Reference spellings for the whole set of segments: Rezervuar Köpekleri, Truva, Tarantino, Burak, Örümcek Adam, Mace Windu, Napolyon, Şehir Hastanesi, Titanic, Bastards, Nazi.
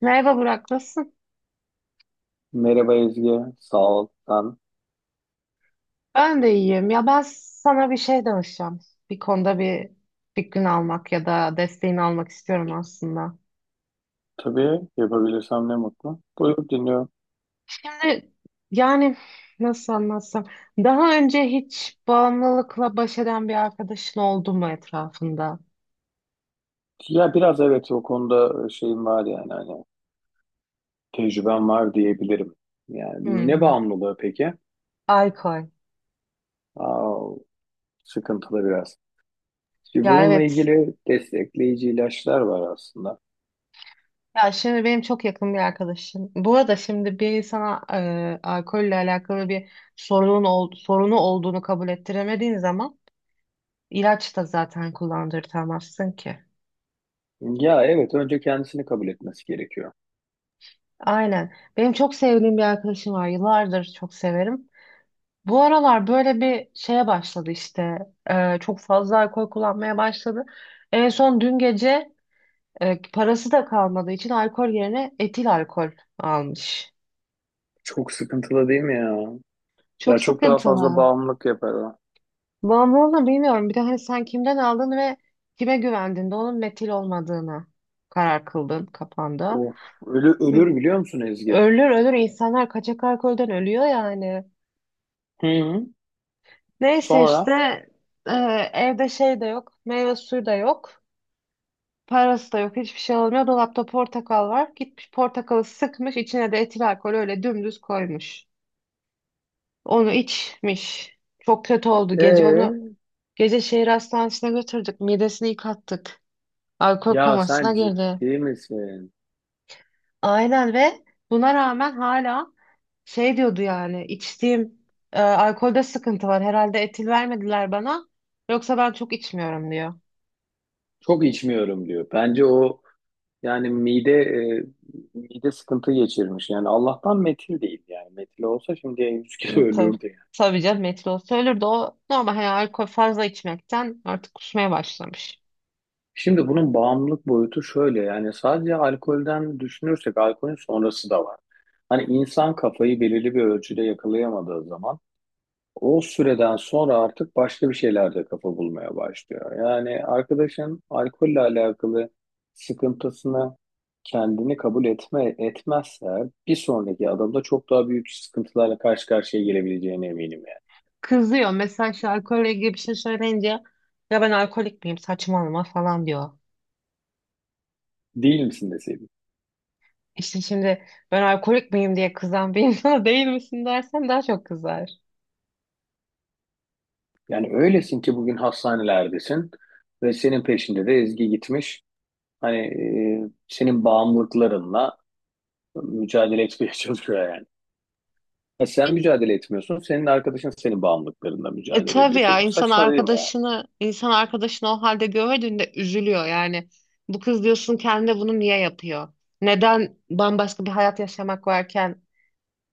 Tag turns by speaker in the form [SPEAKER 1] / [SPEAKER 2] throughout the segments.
[SPEAKER 1] Merhaba Burak, nasılsın?
[SPEAKER 2] Merhaba Ezgi, sağ ol. Ben
[SPEAKER 1] Ben de iyiyim. Ya ben sana bir şey danışacağım. Bir konuda fikrini almak ya da desteğini almak istiyorum aslında.
[SPEAKER 2] tabii yapabilirsem ne mutlu. Buyur dinliyorum.
[SPEAKER 1] Şimdi, yani, nasıl anlatsam, daha önce hiç bağımlılıkla baş eden bir arkadaşın oldu mu etrafında?
[SPEAKER 2] Ya biraz evet o konuda şeyim var yani hani tecrübem var diyebilirim.
[SPEAKER 1] Hı
[SPEAKER 2] Yani ne
[SPEAKER 1] hı.
[SPEAKER 2] bağımlılığı peki?
[SPEAKER 1] Alkol.
[SPEAKER 2] Aa, sıkıntılı biraz. Şimdi
[SPEAKER 1] Ya
[SPEAKER 2] bununla
[SPEAKER 1] evet.
[SPEAKER 2] ilgili destekleyici ilaçlar var aslında.
[SPEAKER 1] Ya şimdi benim çok yakın bir arkadaşım. Bu arada şimdi bir insana alkolle alakalı bir sorunu olduğunu kabul ettiremediğin zaman İlaç da zaten kullandırtamazsın ki.
[SPEAKER 2] Ya evet, önce kendisini kabul etmesi gerekiyor.
[SPEAKER 1] Aynen. Benim çok sevdiğim bir arkadaşım var. Yıllardır çok severim. Bu aralar böyle bir şeye başladı işte. Çok fazla alkol kullanmaya başladı. En son dün gece parası da kalmadığı için alkol yerine etil alkol almış.
[SPEAKER 2] Çok sıkıntılı değil mi ya? Ya
[SPEAKER 1] Çok
[SPEAKER 2] çok daha fazla
[SPEAKER 1] sıkıntılı.
[SPEAKER 2] bağımlılık yapar o.
[SPEAKER 1] Bağımlılığını bilmiyorum. Bir de hani sen kimden aldın ve kime güvendin de onun metil olmadığını karar kıldın kafanda.
[SPEAKER 2] Of, ölür biliyor musun Ezgi?
[SPEAKER 1] Ölür, ölür, insanlar kaçak alkolden ölüyor yani.
[SPEAKER 2] Hı hı.
[SPEAKER 1] Neyse işte,
[SPEAKER 2] Sonra?
[SPEAKER 1] e, evde şey de yok. Meyve suyu da yok. Parası da yok. Hiçbir şey olmuyor. Dolapta portakal var. Gitmiş portakalı sıkmış. İçine de etil alkol öyle dümdüz koymuş. Onu içmiş. Çok kötü oldu.
[SPEAKER 2] Ee?
[SPEAKER 1] Gece şehir hastanesine götürdük. Midesini yıkattık. Alkol
[SPEAKER 2] Ya
[SPEAKER 1] komasına
[SPEAKER 2] sen
[SPEAKER 1] girdi.
[SPEAKER 2] ciddi misin?
[SPEAKER 1] Aynen. Ve buna rağmen hala şey diyordu, yani içtiğim alkolde sıkıntı var. Herhalde etil vermediler bana. Yoksa ben çok içmiyorum diyor.
[SPEAKER 2] Çok içmiyorum diyor. Bence o yani mide sıkıntı geçirmiş. Yani Allah'tan metil değil yani. Metil olsa şimdiye 100 kilo
[SPEAKER 1] Hı, tabii.
[SPEAKER 2] ölürdü yani.
[SPEAKER 1] Tabii canım, etil olsa ölürdü. O normal, hani alkol fazla içmekten artık kusmaya başlamış.
[SPEAKER 2] Şimdi bunun bağımlılık boyutu şöyle yani sadece alkolden düşünürsek alkolün sonrası da var. Hani insan kafayı belirli bir ölçüde yakalayamadığı zaman o süreden sonra artık başka bir şeylerde kafa bulmaya başlıyor. Yani arkadaşın alkolle alakalı sıkıntısını kendini kabul etmezse bir sonraki adımda çok daha büyük sıkıntılarla karşı karşıya gelebileceğine eminim yani.
[SPEAKER 1] Kızıyor. Mesela işte alkolle ilgili bir şey söyleyince ya ben alkolik miyim, saçmalama falan diyor.
[SPEAKER 2] Değil misin deseydim.
[SPEAKER 1] İşte şimdi ben alkolik miyim diye kızan bir insana değil misin dersen daha çok kızar.
[SPEAKER 2] Yani öylesin ki bugün hastanelerdesin ve senin peşinde de Ezgi gitmiş. Hani senin bağımlılıklarınla mücadele etmeye çalışıyor yani. Ya sen mücadele etmiyorsun. Senin arkadaşın senin bağımlılıklarında
[SPEAKER 1] E
[SPEAKER 2] mücadele
[SPEAKER 1] tabii
[SPEAKER 2] ediyor.
[SPEAKER 1] ya,
[SPEAKER 2] Çok
[SPEAKER 1] insan
[SPEAKER 2] saçma değil mi ya?
[SPEAKER 1] arkadaşını insan arkadaşını o halde gördüğünde üzülüyor yani. Bu kız, diyorsun, kendine bunu niye yapıyor? Neden bambaşka bir hayat yaşamak varken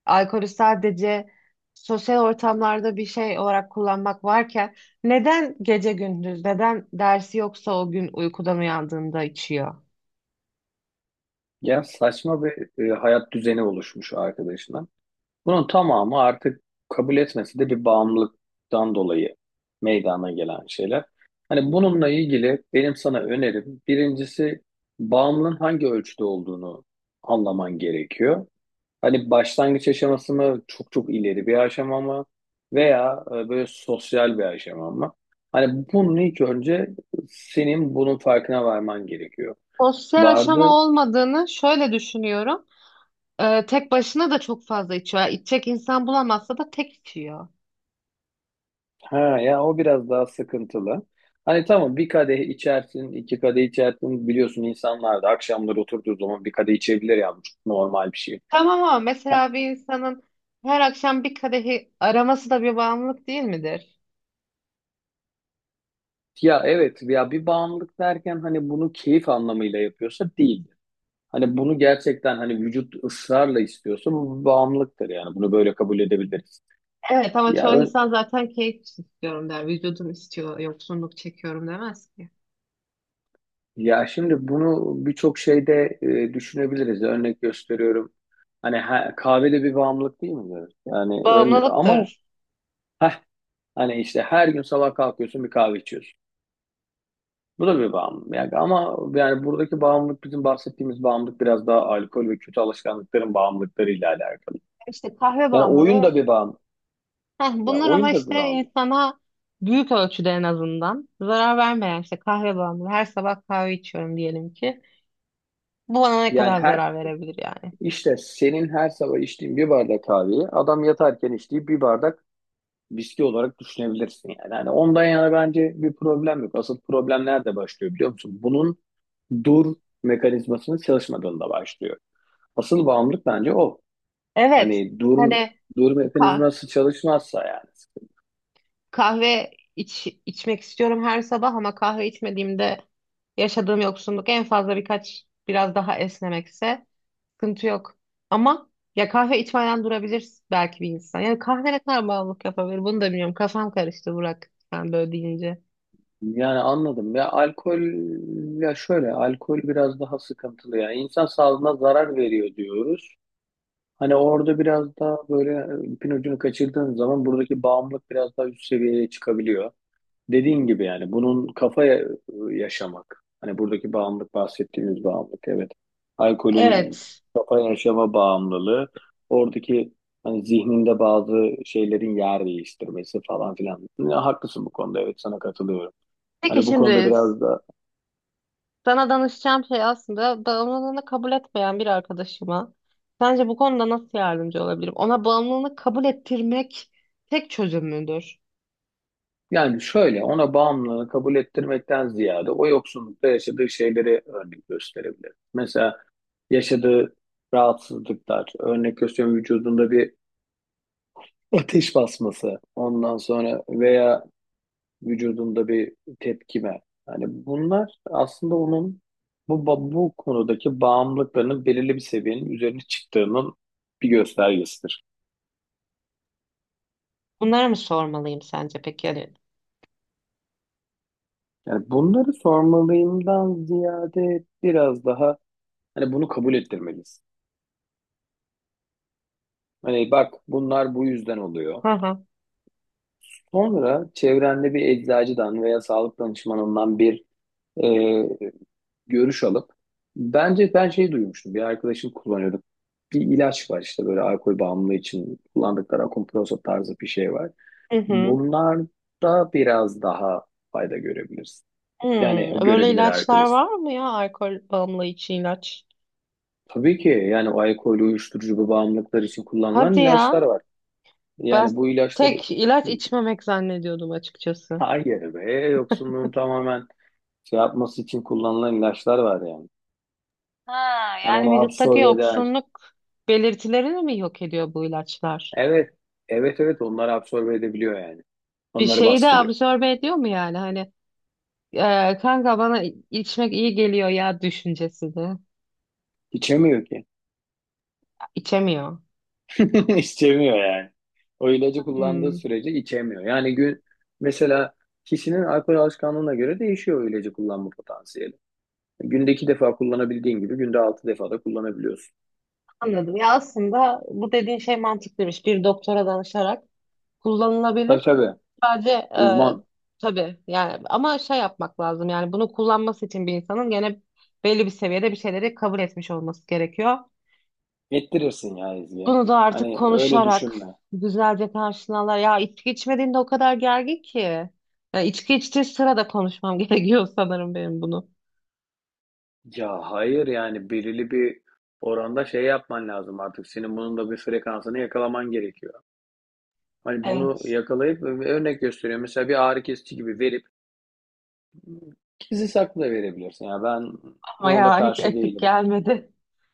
[SPEAKER 1] alkolü sadece sosyal ortamlarda bir şey olarak kullanmak varken neden gece gündüz, neden dersi, yoksa o gün uykudan uyandığında içiyor?
[SPEAKER 2] Ya saçma bir hayat düzeni oluşmuş arkadaşına. Bunun tamamı artık kabul etmesi de bir bağımlılıktan dolayı meydana gelen şeyler. Hani bununla ilgili benim sana önerim birincisi bağımlılığın hangi ölçüde olduğunu anlaman gerekiyor. Hani başlangıç aşaması mı, çok çok ileri bir aşama mı, veya böyle sosyal bir aşama mı? Hani bunun ilk önce senin bunun farkına varman gerekiyor.
[SPEAKER 1] Sosyal aşama
[SPEAKER 2] Vardı.
[SPEAKER 1] olmadığını şöyle düşünüyorum. Tek başına da çok fazla içiyor. Yani İçecek insan bulamazsa da tek içiyor.
[SPEAKER 2] Ha ya, o biraz daha sıkıntılı. Hani tamam bir kadeh içersin, iki kadeh içersin. Biliyorsun insanlar da akşamları oturduğu zaman bir kadeh içebilir ya, bu çok normal bir şey.
[SPEAKER 1] Tamam, ama
[SPEAKER 2] Ha,
[SPEAKER 1] mesela bir insanın her akşam bir kadehi araması da bir bağımlılık değil midir?
[SPEAKER 2] ya evet ya, bir bağımlılık derken hani bunu keyif anlamıyla yapıyorsa değil. Hani bunu gerçekten hani vücut ısrarla istiyorsa bu bir bağımlılıktır yani. Bunu böyle kabul edebiliriz.
[SPEAKER 1] Evet, ama
[SPEAKER 2] Ya
[SPEAKER 1] çoğu
[SPEAKER 2] ön-
[SPEAKER 1] insan zaten keyif için istiyorum der. Vücudum istiyor, yoksunluk çekiyorum demez ki.
[SPEAKER 2] Ya şimdi bunu birçok şeyde düşünebiliriz. Örnek gösteriyorum. Hani ha, kahve de bir bağımlılık değil mi? Evet. Yani ön, ama
[SPEAKER 1] Bağımlılıktır.
[SPEAKER 2] heh, hani işte her gün sabah kalkıyorsun, bir kahve içiyorsun. Bu da bir bağımlılık. Yani ama yani buradaki bağımlılık, bizim bahsettiğimiz bağımlılık, biraz daha alkol ve kötü alışkanlıkların bağımlılıklarıyla alakalı.
[SPEAKER 1] İşte kahve
[SPEAKER 2] Yani oyun
[SPEAKER 1] bağımlılığı.
[SPEAKER 2] da bir bağımlılık.
[SPEAKER 1] Heh,
[SPEAKER 2] Ya
[SPEAKER 1] bunlar ama
[SPEAKER 2] oyun da bir
[SPEAKER 1] işte
[SPEAKER 2] bağımlılık.
[SPEAKER 1] insana büyük ölçüde en azından zarar vermeyen işte kahve bağımlılığı. Her sabah kahve içiyorum diyelim ki. Bu bana ne
[SPEAKER 2] Yani
[SPEAKER 1] kadar
[SPEAKER 2] her,
[SPEAKER 1] zarar verebilir yani?
[SPEAKER 2] İşte senin her sabah içtiğin bir bardak kahveyi adam yatarken içtiği bir bardak viski olarak düşünebilirsin yani. Yani ondan yana bence bir problem yok. Asıl problem nerede başlıyor biliyor musun? Bunun dur mekanizmasının çalışmadığında başlıyor. Asıl bağımlılık bence o.
[SPEAKER 1] Evet.
[SPEAKER 2] Hani dur
[SPEAKER 1] Hani
[SPEAKER 2] dur mekanizması çalışmazsa yani.
[SPEAKER 1] kahve içmek istiyorum her sabah, ama kahve içmediğimde yaşadığım yoksunluk en fazla birkaç biraz daha esnemekse sıkıntı yok. Ama ya kahve içmeden durabilir belki bir insan. Yani kahve ne kadar bağımlılık yapabilir bunu da bilmiyorum. Kafam karıştı Burak sen böyle deyince.
[SPEAKER 2] Yani anladım ya, alkol ya şöyle, alkol biraz daha sıkıntılı ya. İnsan sağlığına zarar veriyor diyoruz. Hani orada biraz daha böyle ipin ucunu kaçırdığın zaman buradaki bağımlılık biraz daha üst seviyeye çıkabiliyor. Dediğin gibi yani bunun kafaya yaşamak. Hani buradaki bağımlılık, bahsettiğimiz bağımlılık evet. Alkolün
[SPEAKER 1] Evet.
[SPEAKER 2] kafa yaşama bağımlılığı. Oradaki hani zihninde bazı şeylerin yer değiştirmesi falan filan. Ya, haklısın bu konuda, evet sana katılıyorum.
[SPEAKER 1] Peki
[SPEAKER 2] Hani bu konuda
[SPEAKER 1] şimdi
[SPEAKER 2] biraz da
[SPEAKER 1] sana danışacağım şey aslında, bağımlılığını kabul etmeyen bir arkadaşıma sence bu konuda nasıl yardımcı olabilirim? Ona bağımlılığını kabul ettirmek tek çözüm müdür?
[SPEAKER 2] yani şöyle, ona bağımlılığı kabul ettirmekten ziyade o yoksunlukta yaşadığı şeyleri örnek gösterebilir. Mesela yaşadığı rahatsızlıklar, örnek gösteriyorum, vücudunda bir ateş basması, ondan sonra veya vücudunda bir tepkime. Yani bunlar aslında onun bu konudaki bağımlılıklarının belirli bir seviyenin üzerine çıktığının bir göstergesidir.
[SPEAKER 1] Bunlara mı sormalıyım sence peki? Yani,
[SPEAKER 2] Yani bunları sormalıyımdan ziyade biraz daha hani bunu kabul ettirmeliyiz. Hani bak, bunlar bu yüzden oluyor.
[SPEAKER 1] hı hı.
[SPEAKER 2] Sonra çevrende bir eczacıdan veya sağlık danışmanından bir e, görüş alıp bence, ben şey duymuştum. Bir arkadaşım kullanıyordu. Bir ilaç var işte böyle alkol bağımlılığı için kullandıkları, Akomproso tarzı bir şey var.
[SPEAKER 1] Hı hı.
[SPEAKER 2] Bunlar da biraz daha fayda görebiliriz. Yani
[SPEAKER 1] Hmm, böyle
[SPEAKER 2] görebilir
[SPEAKER 1] ilaçlar
[SPEAKER 2] arkadaşım.
[SPEAKER 1] var mı ya? Alkol bağımlı için ilaç.
[SPEAKER 2] Tabii ki yani o alkol, uyuşturucu, bu bağımlılıklar için
[SPEAKER 1] Hadi
[SPEAKER 2] kullanılan ilaçlar
[SPEAKER 1] ya.
[SPEAKER 2] var.
[SPEAKER 1] Ben
[SPEAKER 2] Yani bu ilaçları
[SPEAKER 1] tek ilaç içmemek zannediyordum açıkçası.
[SPEAKER 2] hayır be, yoksunluğun tamamen şey yapması için kullanılan ilaçlar var yani.
[SPEAKER 1] Ha,
[SPEAKER 2] Yani onu
[SPEAKER 1] yani vücuttaki
[SPEAKER 2] absorbe eder.
[SPEAKER 1] yoksunluk belirtilerini mi yok ediyor bu ilaçlar?
[SPEAKER 2] Evet. Evet evet, onlar absorbe edebiliyor yani.
[SPEAKER 1] Bir
[SPEAKER 2] Onları
[SPEAKER 1] şeyi de
[SPEAKER 2] baskılıyor.
[SPEAKER 1] absorbe ediyor mu yani? Hani, kanka bana içmek iyi geliyor ya düşüncesi de.
[SPEAKER 2] İçemiyor ki.
[SPEAKER 1] İçemiyor.
[SPEAKER 2] İçemiyor yani. O ilacı kullandığı
[SPEAKER 1] Hmm,
[SPEAKER 2] sürece içemiyor. Yani gün mesela, kişinin alkol alışkanlığına göre değişiyor o ilacı kullanma potansiyeli. Günde iki defa kullanabildiğin gibi günde altı defa da kullanabiliyorsun.
[SPEAKER 1] anladım. Ya aslında bu dediğin şey mantıklıymış. Bir doktora danışarak
[SPEAKER 2] Tabii
[SPEAKER 1] kullanılabilir.
[SPEAKER 2] tabii.
[SPEAKER 1] Sadece
[SPEAKER 2] Uzman
[SPEAKER 1] tabii yani, ama şey yapmak lazım yani, bunu kullanması için bir insanın gene belli bir seviyede bir şeyleri kabul etmiş olması gerekiyor.
[SPEAKER 2] ettirirsin ya izleye.
[SPEAKER 1] Bunu da artık
[SPEAKER 2] Hani öyle
[SPEAKER 1] konuşarak
[SPEAKER 2] düşünme.
[SPEAKER 1] güzelce karşılarlar. Ya içki içmediğinde o kadar gergin ki. Ya içki içtiği sırada konuşmam gerekiyor sanırım benim bunu.
[SPEAKER 2] Ya hayır, yani belirli bir oranda şey yapman lazım artık. Senin bunun da bir frekansını yakalaman gerekiyor. Hani bunu
[SPEAKER 1] Evet.
[SPEAKER 2] yakalayıp örnek gösteriyorum. Mesela bir ağrı kesici gibi verip gizli saklı da verebilirsin. Ya ben
[SPEAKER 1] Ama
[SPEAKER 2] ona da
[SPEAKER 1] ya hiç
[SPEAKER 2] karşı
[SPEAKER 1] etik
[SPEAKER 2] değilim.
[SPEAKER 1] gelmedi.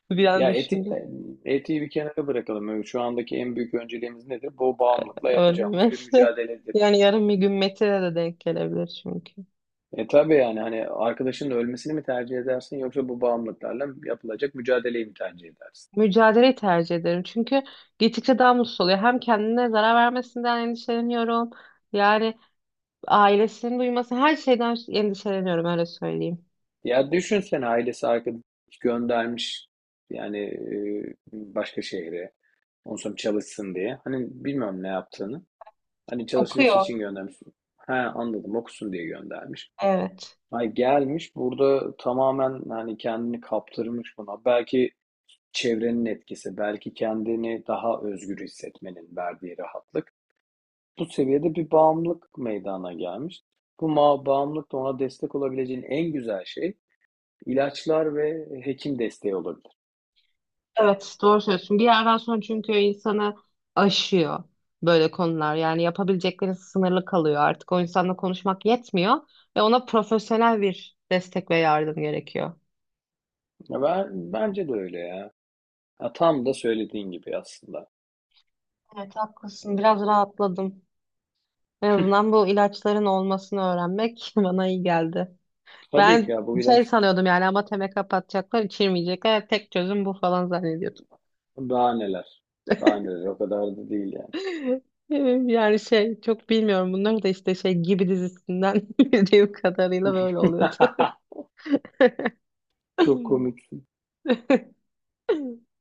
[SPEAKER 1] Bir an
[SPEAKER 2] Ya etik
[SPEAKER 1] düşündüm.
[SPEAKER 2] de, etiği bir kenara bırakalım. Şu andaki en büyük önceliğimiz nedir? Bu bağımlılıkla yapacağımız bir
[SPEAKER 1] Ölmesi.
[SPEAKER 2] mücadeledir.
[SPEAKER 1] Yani yarın bir gün Metin'e de denk gelebilir çünkü.
[SPEAKER 2] E tabii yani, hani arkadaşının ölmesini mi tercih edersin yoksa bu bağımlılıklarla yapılacak mücadeleyi mi tercih edersin?
[SPEAKER 1] Mücadeleyi tercih ederim. Çünkü gittikçe daha mutsuz oluyor. Hem kendine zarar vermesinden endişeleniyorum. Yani ailesinin duyması, her şeyden endişeleniyorum öyle söyleyeyim.
[SPEAKER 2] Ya düşünsene, ailesi arkadaş göndermiş yani başka şehre. Ondan sonra çalışsın diye. Hani bilmiyorum ne yaptığını. Hani çalışması
[SPEAKER 1] Okuyor.
[SPEAKER 2] için göndermiş. He anladım, okusun diye göndermiş.
[SPEAKER 1] Evet.
[SPEAKER 2] Ay gelmiş burada tamamen hani kendini kaptırmış buna. Belki çevrenin etkisi, belki kendini daha özgür hissetmenin verdiği rahatlık. Bu seviyede bir bağımlılık meydana gelmiş. Bağımlılık da ona destek olabileceğin en güzel şey, İlaçlar ve hekim desteği olabilir.
[SPEAKER 1] Evet doğru söylüyorsun. Bir yerden sonra çünkü insanı aşıyor böyle konular. Yani yapabilecekleri sınırlı kalıyor. Artık o insanla konuşmak yetmiyor ve ona profesyonel bir destek ve yardım gerekiyor.
[SPEAKER 2] Ya ben, bence de öyle ya. Ya tam da söylediğin gibi aslında.
[SPEAKER 1] Evet haklısın. Biraz rahatladım. En azından bu ilaçların olmasını öğrenmek bana iyi geldi.
[SPEAKER 2] Tabii ki
[SPEAKER 1] Ben
[SPEAKER 2] ya bu ilaç,
[SPEAKER 1] şey sanıyordum yani, ama teme kapatacaklar, içirmeyecekler. Tek çözüm bu falan zannediyordum.
[SPEAKER 2] daha neler. Daha neler, o kadar da değil yani.
[SPEAKER 1] Yani şey, çok bilmiyorum bunları, da işte şey gibi dizisinden bildiğim kadarıyla böyle oluyordu.
[SPEAKER 2] Çok komik.